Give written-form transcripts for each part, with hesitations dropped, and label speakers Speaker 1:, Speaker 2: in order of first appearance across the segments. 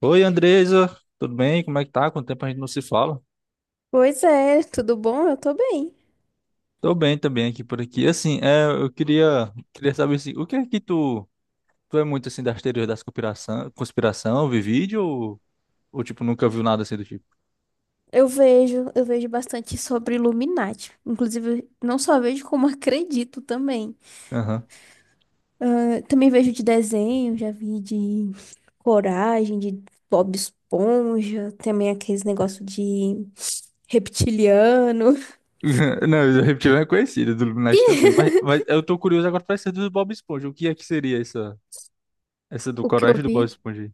Speaker 1: Oi, Andresa, tudo bem? Como é que tá? Quanto tempo a gente não se fala?
Speaker 2: Pois é, tudo bom? Eu tô bem.
Speaker 1: Tô bem também aqui por aqui. Assim, eu queria saber assim, o que é que tu é muito assim das teorias das conspiração, vi vídeo ou tipo nunca viu nada assim do tipo?
Speaker 2: Eu vejo bastante sobre Illuminati. Inclusive, não só vejo, como acredito também.
Speaker 1: Aham.
Speaker 2: Ah, também vejo de desenho, já vi de Coragem, de Bob Esponja, também aqueles negócio de reptiliano.
Speaker 1: Não, eu repetido é conhecido do Illuminati também, mas eu tô curioso agora pra ser do Bob Esponja. O que é que seria essa do
Speaker 2: O que eu
Speaker 1: Coragem do Bob
Speaker 2: vi
Speaker 1: Esponja, aí?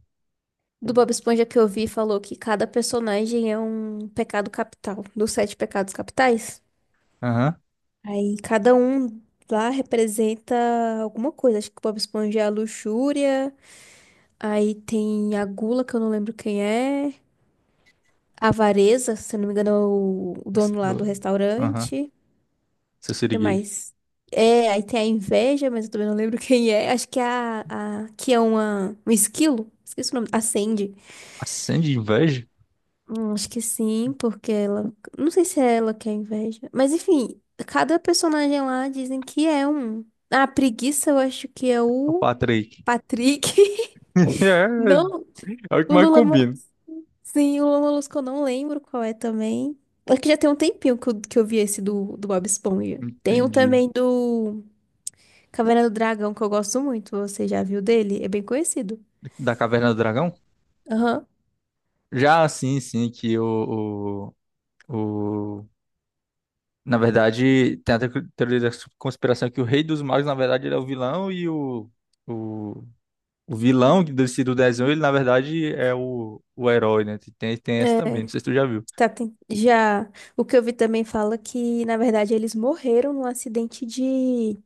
Speaker 2: do Bob Esponja que eu vi falou que cada personagem é um pecado capital, dos sete pecados capitais.
Speaker 1: Aham.
Speaker 2: Aí cada um lá representa alguma coisa. Acho que o Bob Esponja é a luxúria. Aí tem a gula, que eu não lembro quem é. A avareza, se eu não me engano, é o
Speaker 1: Essa
Speaker 2: dono lá do
Speaker 1: do- Aham.
Speaker 2: restaurante.
Speaker 1: Seu
Speaker 2: O que
Speaker 1: siriguejo.
Speaker 2: mais? É, aí tem a inveja, mas eu também não lembro quem é. Acho que é a que é uma, um esquilo. Esqueci o nome. A Sandy.
Speaker 1: Acende inveja?
Speaker 2: Acho que sim, porque ela. Não sei se é ela que é a inveja. Mas enfim, cada personagem lá dizem que é um. Ah, a preguiça eu acho que é
Speaker 1: Ô,
Speaker 2: o.
Speaker 1: Patrick.
Speaker 2: Patrick.
Speaker 1: É,
Speaker 2: Não,
Speaker 1: é o que
Speaker 2: o
Speaker 1: mais
Speaker 2: Lula.
Speaker 1: combina.
Speaker 2: Sim, o Lula Molusco eu não lembro qual é também. É que já tem um tempinho que eu vi esse do, do Bob Esponja. Tem um
Speaker 1: Entendi.
Speaker 2: também do Caverna do Dragão que eu gosto muito. Você já viu dele? É bem conhecido.
Speaker 1: Da Caverna do Dragão?
Speaker 2: Aham.
Speaker 1: Já, sim, sim, que o... Na verdade, tem a teoria da conspiração que o Rei dos Magos, na verdade, ele é o vilão, e o, o vilão do desenho, ele, na verdade, é o herói, né? Tem essa
Speaker 2: É.
Speaker 1: também, não sei se tu já viu.
Speaker 2: Tá, Já. O que eu vi também fala que, na verdade, eles morreram num acidente de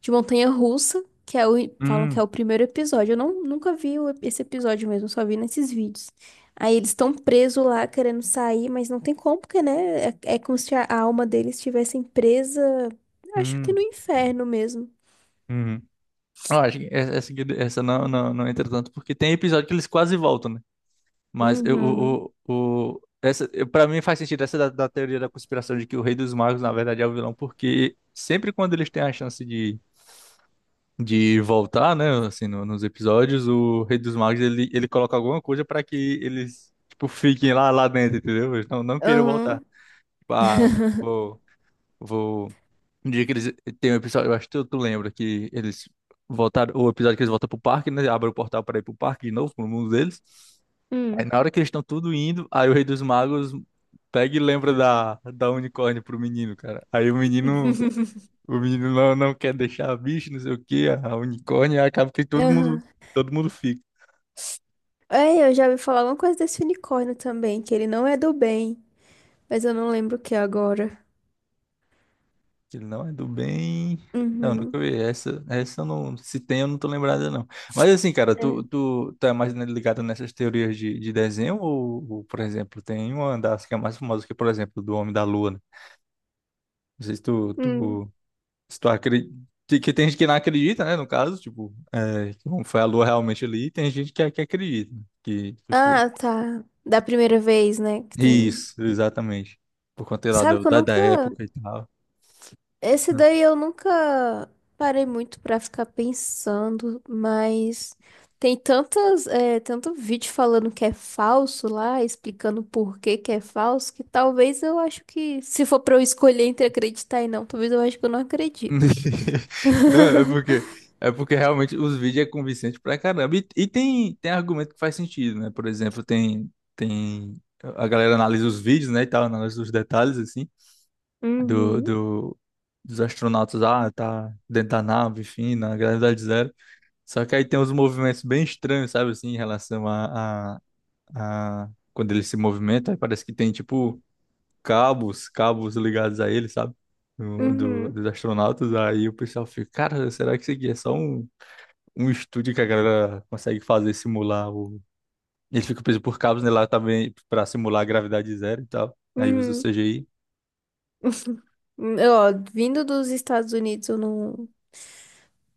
Speaker 2: Montanha Russa, que é o, falam que é
Speaker 1: Hum,
Speaker 2: o primeiro episódio. Eu não, nunca vi esse episódio mesmo, só vi nesses vídeos. Aí eles estão presos lá querendo sair, mas não tem como, porque, né? É, é como se a alma deles estivessem presa, acho que no
Speaker 1: hum,
Speaker 2: inferno mesmo.
Speaker 1: hum. Eu acho que essa não, não, não entra tanto, porque tem episódio que eles quase voltam, né? Mas eu,
Speaker 2: Uhum.
Speaker 1: essa, para mim faz sentido essa da teoria da conspiração de que o Rei dos Magos, na verdade, é o vilão, porque sempre quando eles têm a chance de voltar, né, assim, nos episódios, o Rei dos Magos, ele coloca alguma coisa para que eles, tipo, fiquem lá dentro, entendeu? Eles não queiram voltar.
Speaker 2: Aham.
Speaker 1: Tipo, ah, vou, vou... Um dia que eles... Tem um episódio, eu acho que tu lembra, que eles voltaram... O episódio que eles voltam pro parque, né, abre o portal para ir pro parque de novo, pro mundo deles. Aí
Speaker 2: Hum.
Speaker 1: na hora que eles estão tudo indo, aí o Rei dos Magos pega e lembra da unicórnio pro menino, cara. Aí o menino não quer deixar a bicho, não sei o quê, a unicórnio, aí acaba que
Speaker 2: Aham.
Speaker 1: todo mundo fica.
Speaker 2: É, eu já ouvi falar alguma coisa desse unicórnio também, que ele não é do bem, mas eu não lembro o que é agora.
Speaker 1: Ele não é do bem. Não, nunca
Speaker 2: Uhum.
Speaker 1: vi. Essa eu não. Se tem, eu não tô lembrada, não. Mas assim, cara,
Speaker 2: É.
Speaker 1: tu é mais, né, ligado nessas teorias de desenho, ou, por exemplo, tem uma das que é mais famosa, que, é, por exemplo, do Homem da Lua, né? Não sei se tu,
Speaker 2: Hum.
Speaker 1: tu Se tu acredita, que tem gente que não acredita, né? No caso, tipo, é, que não foi a lua realmente ali, e tem gente que acredita, né, que foi.
Speaker 2: Ah, tá. Da primeira vez, né? Que tem.
Speaker 1: Isso, exatamente. Por conta lá
Speaker 2: Sabe que eu
Speaker 1: da, da
Speaker 2: nunca.
Speaker 1: época e tal.
Speaker 2: Esse daí eu nunca parei muito pra ficar pensando, mas tem tantas, é, tanto vídeo falando que é falso lá, explicando por que que é falso, que talvez eu acho que, se for pra eu escolher entre acreditar e não, talvez eu acho que eu não acredito.
Speaker 1: Não, é porque, realmente os vídeos é convincente pra caramba. E tem argumento que faz sentido, né? Por exemplo, tem a galera analisa os vídeos, né, e tal, analisa os detalhes, assim, do,
Speaker 2: Uhum,
Speaker 1: do, dos astronautas, tá dentro da nave, enfim, na gravidade zero. Só que aí tem uns movimentos bem estranhos, sabe, assim, em relação a... Quando ele se movimenta, aí parece que tem, tipo, cabos ligados a ele, sabe?
Speaker 2: uhum,
Speaker 1: Dos astronautas. Aí o pessoal fica, cara, será que isso aqui é só um estúdio que a galera consegue fazer, simular o... Ele fica preso por cabos, né, lá também, pra simular a gravidade zero e tal. Aí usa o
Speaker 2: uhum.
Speaker 1: CGI.
Speaker 2: Ó, vindo dos Estados Unidos,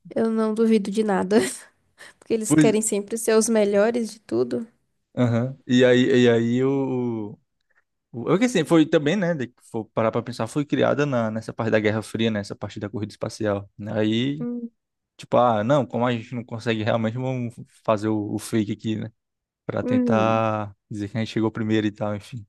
Speaker 2: eu não duvido de nada, porque eles
Speaker 1: Pois...
Speaker 2: querem sempre ser os melhores de tudo.
Speaker 1: Aham. E aí o... É que assim, foi também, né, for parar pra pensar, foi criada nessa parte da Guerra Fria, nessa parte da corrida espacial, né? Aí,
Speaker 2: Hum,
Speaker 1: tipo, ah, não, como a gente não consegue realmente, vamos fazer o fake aqui, né, pra
Speaker 2: uhum.
Speaker 1: tentar dizer que a gente chegou primeiro e tal, enfim.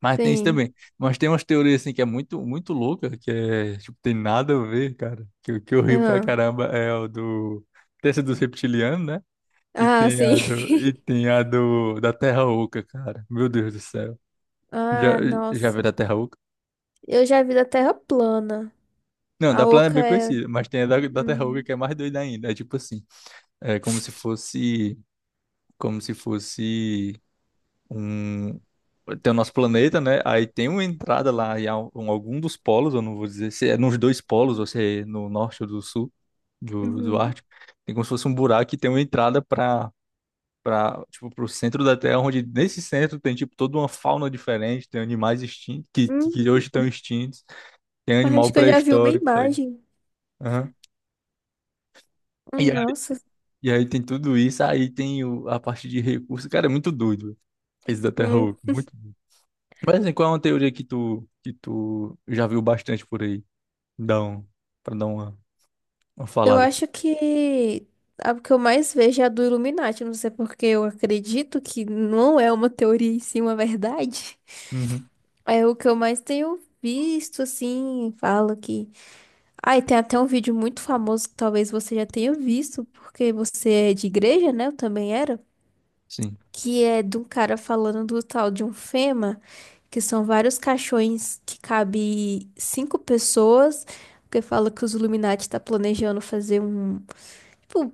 Speaker 1: Mas tem isso
Speaker 2: Sim.
Speaker 1: também. Mas tem umas teorias, assim, que é muito, muito louca, que é, tipo, tem nada a ver, cara. Que, o que eu rio pra
Speaker 2: ah
Speaker 1: caramba é o do... Tem essa dos reptilianos, né? E
Speaker 2: Ah,
Speaker 1: tem
Speaker 2: sim.
Speaker 1: a do, da Terra Oca, cara. Meu Deus do céu. Já,
Speaker 2: Ah,
Speaker 1: Já
Speaker 2: nossa.
Speaker 1: viu da Terra Oca?
Speaker 2: Eu já vi da Terra plana.
Speaker 1: Não,
Speaker 2: A
Speaker 1: da Plana é
Speaker 2: oca
Speaker 1: bem
Speaker 2: é.
Speaker 1: conhecida, mas tem a da Terruga
Speaker 2: Uhum.
Speaker 1: que é mais doida ainda. É tipo assim, é como se fosse um, tem o nosso planeta, né? Aí tem uma entrada lá em algum dos polos, eu não vou dizer se é nos dois polos ou se é no norte ou do sul do
Speaker 2: Uhum.
Speaker 1: Ártico. Tem como se fosse um buraco que tem uma entrada para tipo pro centro da Terra, onde nesse centro tem tipo toda uma fauna diferente, tem animais extintos
Speaker 2: Hum,
Speaker 1: que hoje estão extintos, tem
Speaker 2: acho
Speaker 1: animal
Speaker 2: que eu já vi uma
Speaker 1: pré-histórico, tá ligado?
Speaker 2: imagem.
Speaker 1: Aham. E
Speaker 2: Nossa.
Speaker 1: E aí tem tudo isso, aí tem a parte de recurso. Cara, é muito doido, velho, esse da Terra
Speaker 2: Hum,
Speaker 1: Oca, muito doido. Mas assim, qual é uma teoria que tu já viu bastante por aí? Dá um, Pra dar uma
Speaker 2: Eu
Speaker 1: falada.
Speaker 2: acho que a que eu mais vejo é a do Illuminati. Não sei porque eu acredito que não é uma teoria e sim uma verdade.
Speaker 1: Uhum,
Speaker 2: É o que eu mais tenho visto, assim, falo que. Ah, e tem até um vídeo muito famoso que talvez você já tenha visto, porque você é de igreja, né? Eu também era.
Speaker 1: sim.
Speaker 2: Que é de um cara falando do tal de um Fema, que são vários caixões que cabe cinco pessoas, porque fala que os Illuminati tá planejando fazer um, tipo,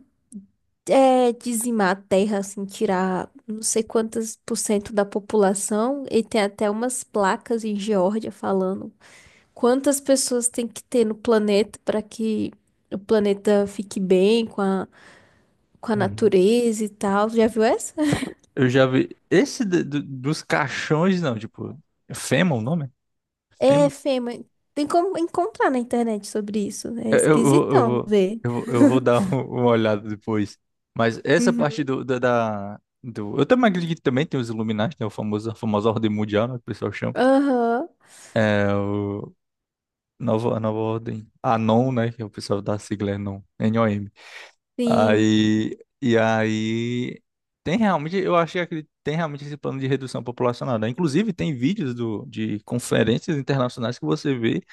Speaker 2: é, dizimar a terra, assim, tirar não sei quantos por cento da população, e tem até umas placas em Geórgia falando. Quantas pessoas tem que ter no planeta para que o planeta fique bem com a
Speaker 1: Uhum.
Speaker 2: natureza e tal? Já viu essa?
Speaker 1: Eu já vi. Esse dos caixões, não, tipo. É Fema o nome?
Speaker 2: É,
Speaker 1: Fema?
Speaker 2: Fê, mas tem como encontrar na internet sobre isso. É
Speaker 1: Eu, vou- eu,
Speaker 2: esquisitão
Speaker 1: vou,
Speaker 2: ver.
Speaker 1: eu, vou, eu vou dar uma olhada depois. Mas essa parte
Speaker 2: Uhum.
Speaker 1: do. Eu também acredito que também tem os Illuminati, né? A famosa ordem mundial, né? Que o pessoal chama.
Speaker 2: Aham,
Speaker 1: É, o- Nova ordem. Anon, né? Que é o pessoal da sigla é NOM. NOM.
Speaker 2: sim.
Speaker 1: E aí, tem realmente, eu achei que tem realmente esse plano de redução populacional, né? Inclusive, tem vídeos de conferências internacionais que você vê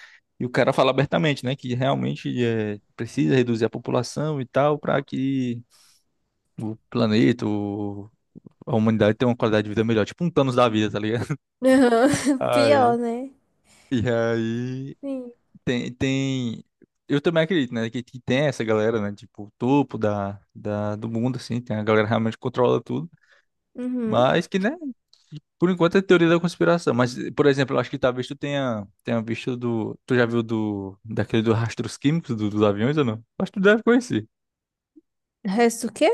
Speaker 1: e o cara fala abertamente, né? Que realmente, é, precisa reduzir a população e tal para que o a humanidade tenha uma qualidade de vida melhor. Tipo um Thanos da vida, tá ligado?
Speaker 2: Aham.
Speaker 1: Aí,
Speaker 2: Pior, né?
Speaker 1: e aí...
Speaker 2: Sim.
Speaker 1: Tem. Eu também acredito, né? Que tem essa galera, né? Tipo, o topo do mundo, assim. Tem a galera que realmente controla tudo.
Speaker 2: Uhum.
Speaker 1: Mas que, né? Por enquanto é teoria da conspiração. Mas, por exemplo, eu acho que talvez tu tenha visto do. Tu já viu do. Daquele dos rastros químicos dos aviões ou não? Acho que tu deve conhecer.
Speaker 2: Resto o quê?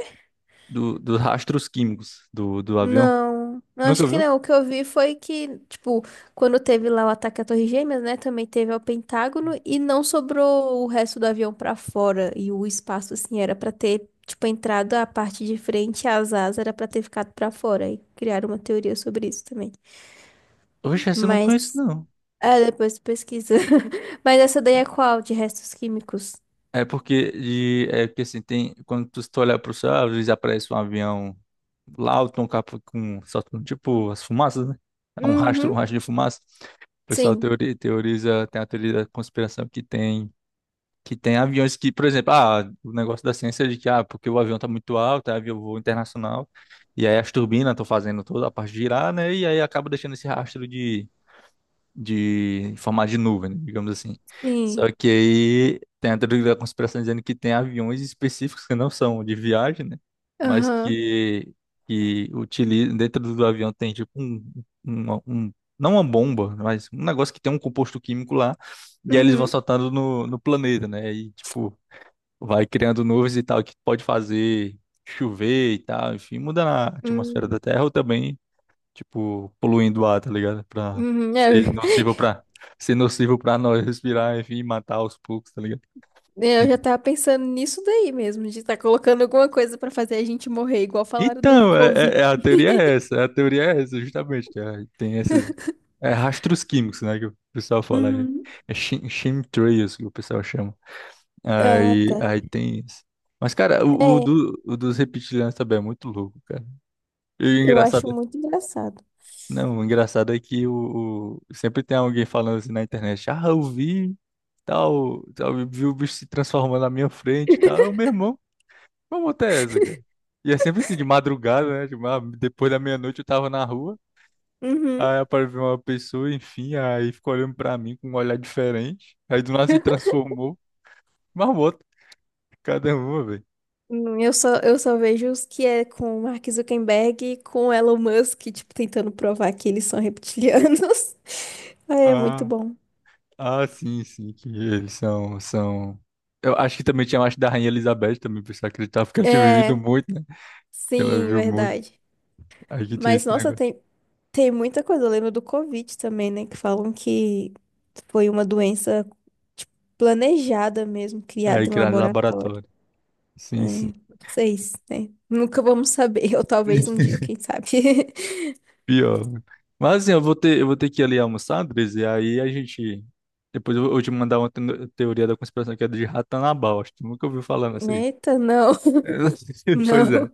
Speaker 1: Dos rastros químicos do avião.
Speaker 2: Não, eu acho
Speaker 1: Nunca
Speaker 2: que
Speaker 1: viu?
Speaker 2: não. O que eu vi foi que, tipo, quando teve lá o ataque à Torre Gêmeas, né, também teve ao Pentágono e não sobrou o resto do avião pra fora e o espaço assim era pra ter, tipo, entrado a parte de frente, as asas era pra ter ficado pra fora e criaram uma teoria sobre isso também.
Speaker 1: Oxe, essa eu não conheço,
Speaker 2: Mas,
Speaker 1: não.
Speaker 2: é, depois tu pesquisa. Mas essa daí é qual? De restos químicos?
Speaker 1: É que assim, tem, quando tu, se tu olhar pro céu, às vezes aparece um avião lá, o Tom Capa com, soltando tipo as fumaças, né? É um
Speaker 2: Uhum.
Speaker 1: rastro de fumaça. O pessoal
Speaker 2: Sim,
Speaker 1: teoriza, tem a teoria da conspiração que que tem aviões que, por exemplo, o negócio da ciência é de que, porque o avião tá muito alto, é avião voo internacional, e aí as turbinas estão fazendo toda a parte girar, né? E aí acaba deixando esse rastro de em formato de nuvem, né, digamos assim. Só
Speaker 2: sim.
Speaker 1: que aí tem a teoria da conspiração dizendo que tem aviões específicos que não são de viagem, né? Mas
Speaker 2: Aham.
Speaker 1: que utilizam, dentro do avião tem tipo um, um- não uma bomba, mas um negócio que tem um composto químico lá, e aí eles vão
Speaker 2: Uhum.
Speaker 1: soltando no planeta, né? E tipo, vai criando nuvens e tal, que pode fazer chover e tal, enfim, muda a atmosfera da
Speaker 2: Uhum.
Speaker 1: Terra ou também tipo, poluindo o ar, tá ligado? Pra
Speaker 2: Uhum. É.
Speaker 1: ser nocivo pra, ser nocivo pra nós respirar, enfim, matar aos poucos, tá ligado?
Speaker 2: É, eu já tava pensando nisso daí mesmo, de estar colocando alguma coisa pra fazer a gente morrer, igual falaram do
Speaker 1: Então,
Speaker 2: Covid.
Speaker 1: a teoria é essa, a teoria é essa, justamente, tem esses, é, rastros químicos, né, que o pessoal fala,
Speaker 2: Uhum.
Speaker 1: chemtrails que o pessoal chama,
Speaker 2: Ah, tá.
Speaker 1: aí tem isso. Mas, cara,
Speaker 2: É,
Speaker 1: o dos reptilianos também é muito louco, cara. E o
Speaker 2: eu
Speaker 1: engraçado
Speaker 2: acho muito engraçado.
Speaker 1: Não, o engraçado é que sempre tem alguém falando assim na internet, ah, eu vi, tal, tal, eu vi o bicho se transformando na minha frente e tal. Meu irmão, como é essa, cara? E é sempre assim, de madrugada, né? Tipo, ah, depois da meia-noite eu tava na rua,
Speaker 2: Uhum.
Speaker 1: aí apareceu uma pessoa, enfim, aí ficou olhando pra mim com um olhar diferente, aí do nada se transformou, marmota, cada uma, velho.
Speaker 2: Eu só vejo os que é com o Mark Zuckerberg e com o Elon Musk, tipo, tentando provar que eles são reptilianos. Ah, é muito
Speaker 1: Ah,
Speaker 2: bom.
Speaker 1: ah, sim, sim, que eles são... Eu acho que também tinha mais da Rainha Elizabeth também, por isso eu acreditava porque ela tinha vivido
Speaker 2: É,
Speaker 1: muito, que ela
Speaker 2: sim,
Speaker 1: viu muito.
Speaker 2: verdade.
Speaker 1: Aí que tinha
Speaker 2: Mas,
Speaker 1: esse
Speaker 2: nossa,
Speaker 1: negócio.
Speaker 2: tem, tem muita coisa, eu lembro do Covid também, né? Que falam que foi uma doença tipo, planejada mesmo,
Speaker 1: Aí
Speaker 2: criada em
Speaker 1: criaram
Speaker 2: laboratório.
Speaker 1: laboratório.
Speaker 2: É,
Speaker 1: Sim, sim.
Speaker 2: não sei se, né? Nunca vamos saber, ou talvez um dia, quem sabe.
Speaker 1: Pior. Mas assim, eu vou ter que ir ali almoçar, Andres, e aí a gente. Depois eu vou te mandar uma teoria da conspiração que é de Ratanabal. Acho que tu nunca ouviu falar nisso aí.
Speaker 2: Eita, não.
Speaker 1: Pois é.
Speaker 2: Não.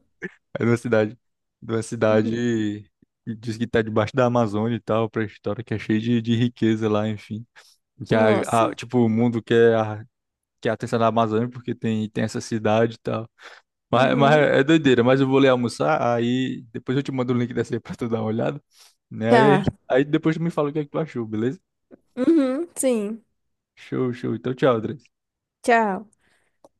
Speaker 1: É de uma cidade. De uma
Speaker 2: Uhum.
Speaker 1: cidade que diz que tá debaixo da Amazônia e tal, pré-história, que é cheia de riqueza lá, enfim. Que
Speaker 2: Nossa.
Speaker 1: tipo, o mundo quer a atenção da Amazônia porque tem essa cidade e tal. Mas
Speaker 2: Uhum.
Speaker 1: é doideira, mas eu vou ler almoçar, aí depois eu te mando o link dessa aí pra tu dar uma olhada, né? Aí,
Speaker 2: Tá.
Speaker 1: aí depois tu me fala o que é que tu achou, beleza?
Speaker 2: Uhum, sim.
Speaker 1: Show, show. Então, tchau, André.
Speaker 2: Tchau.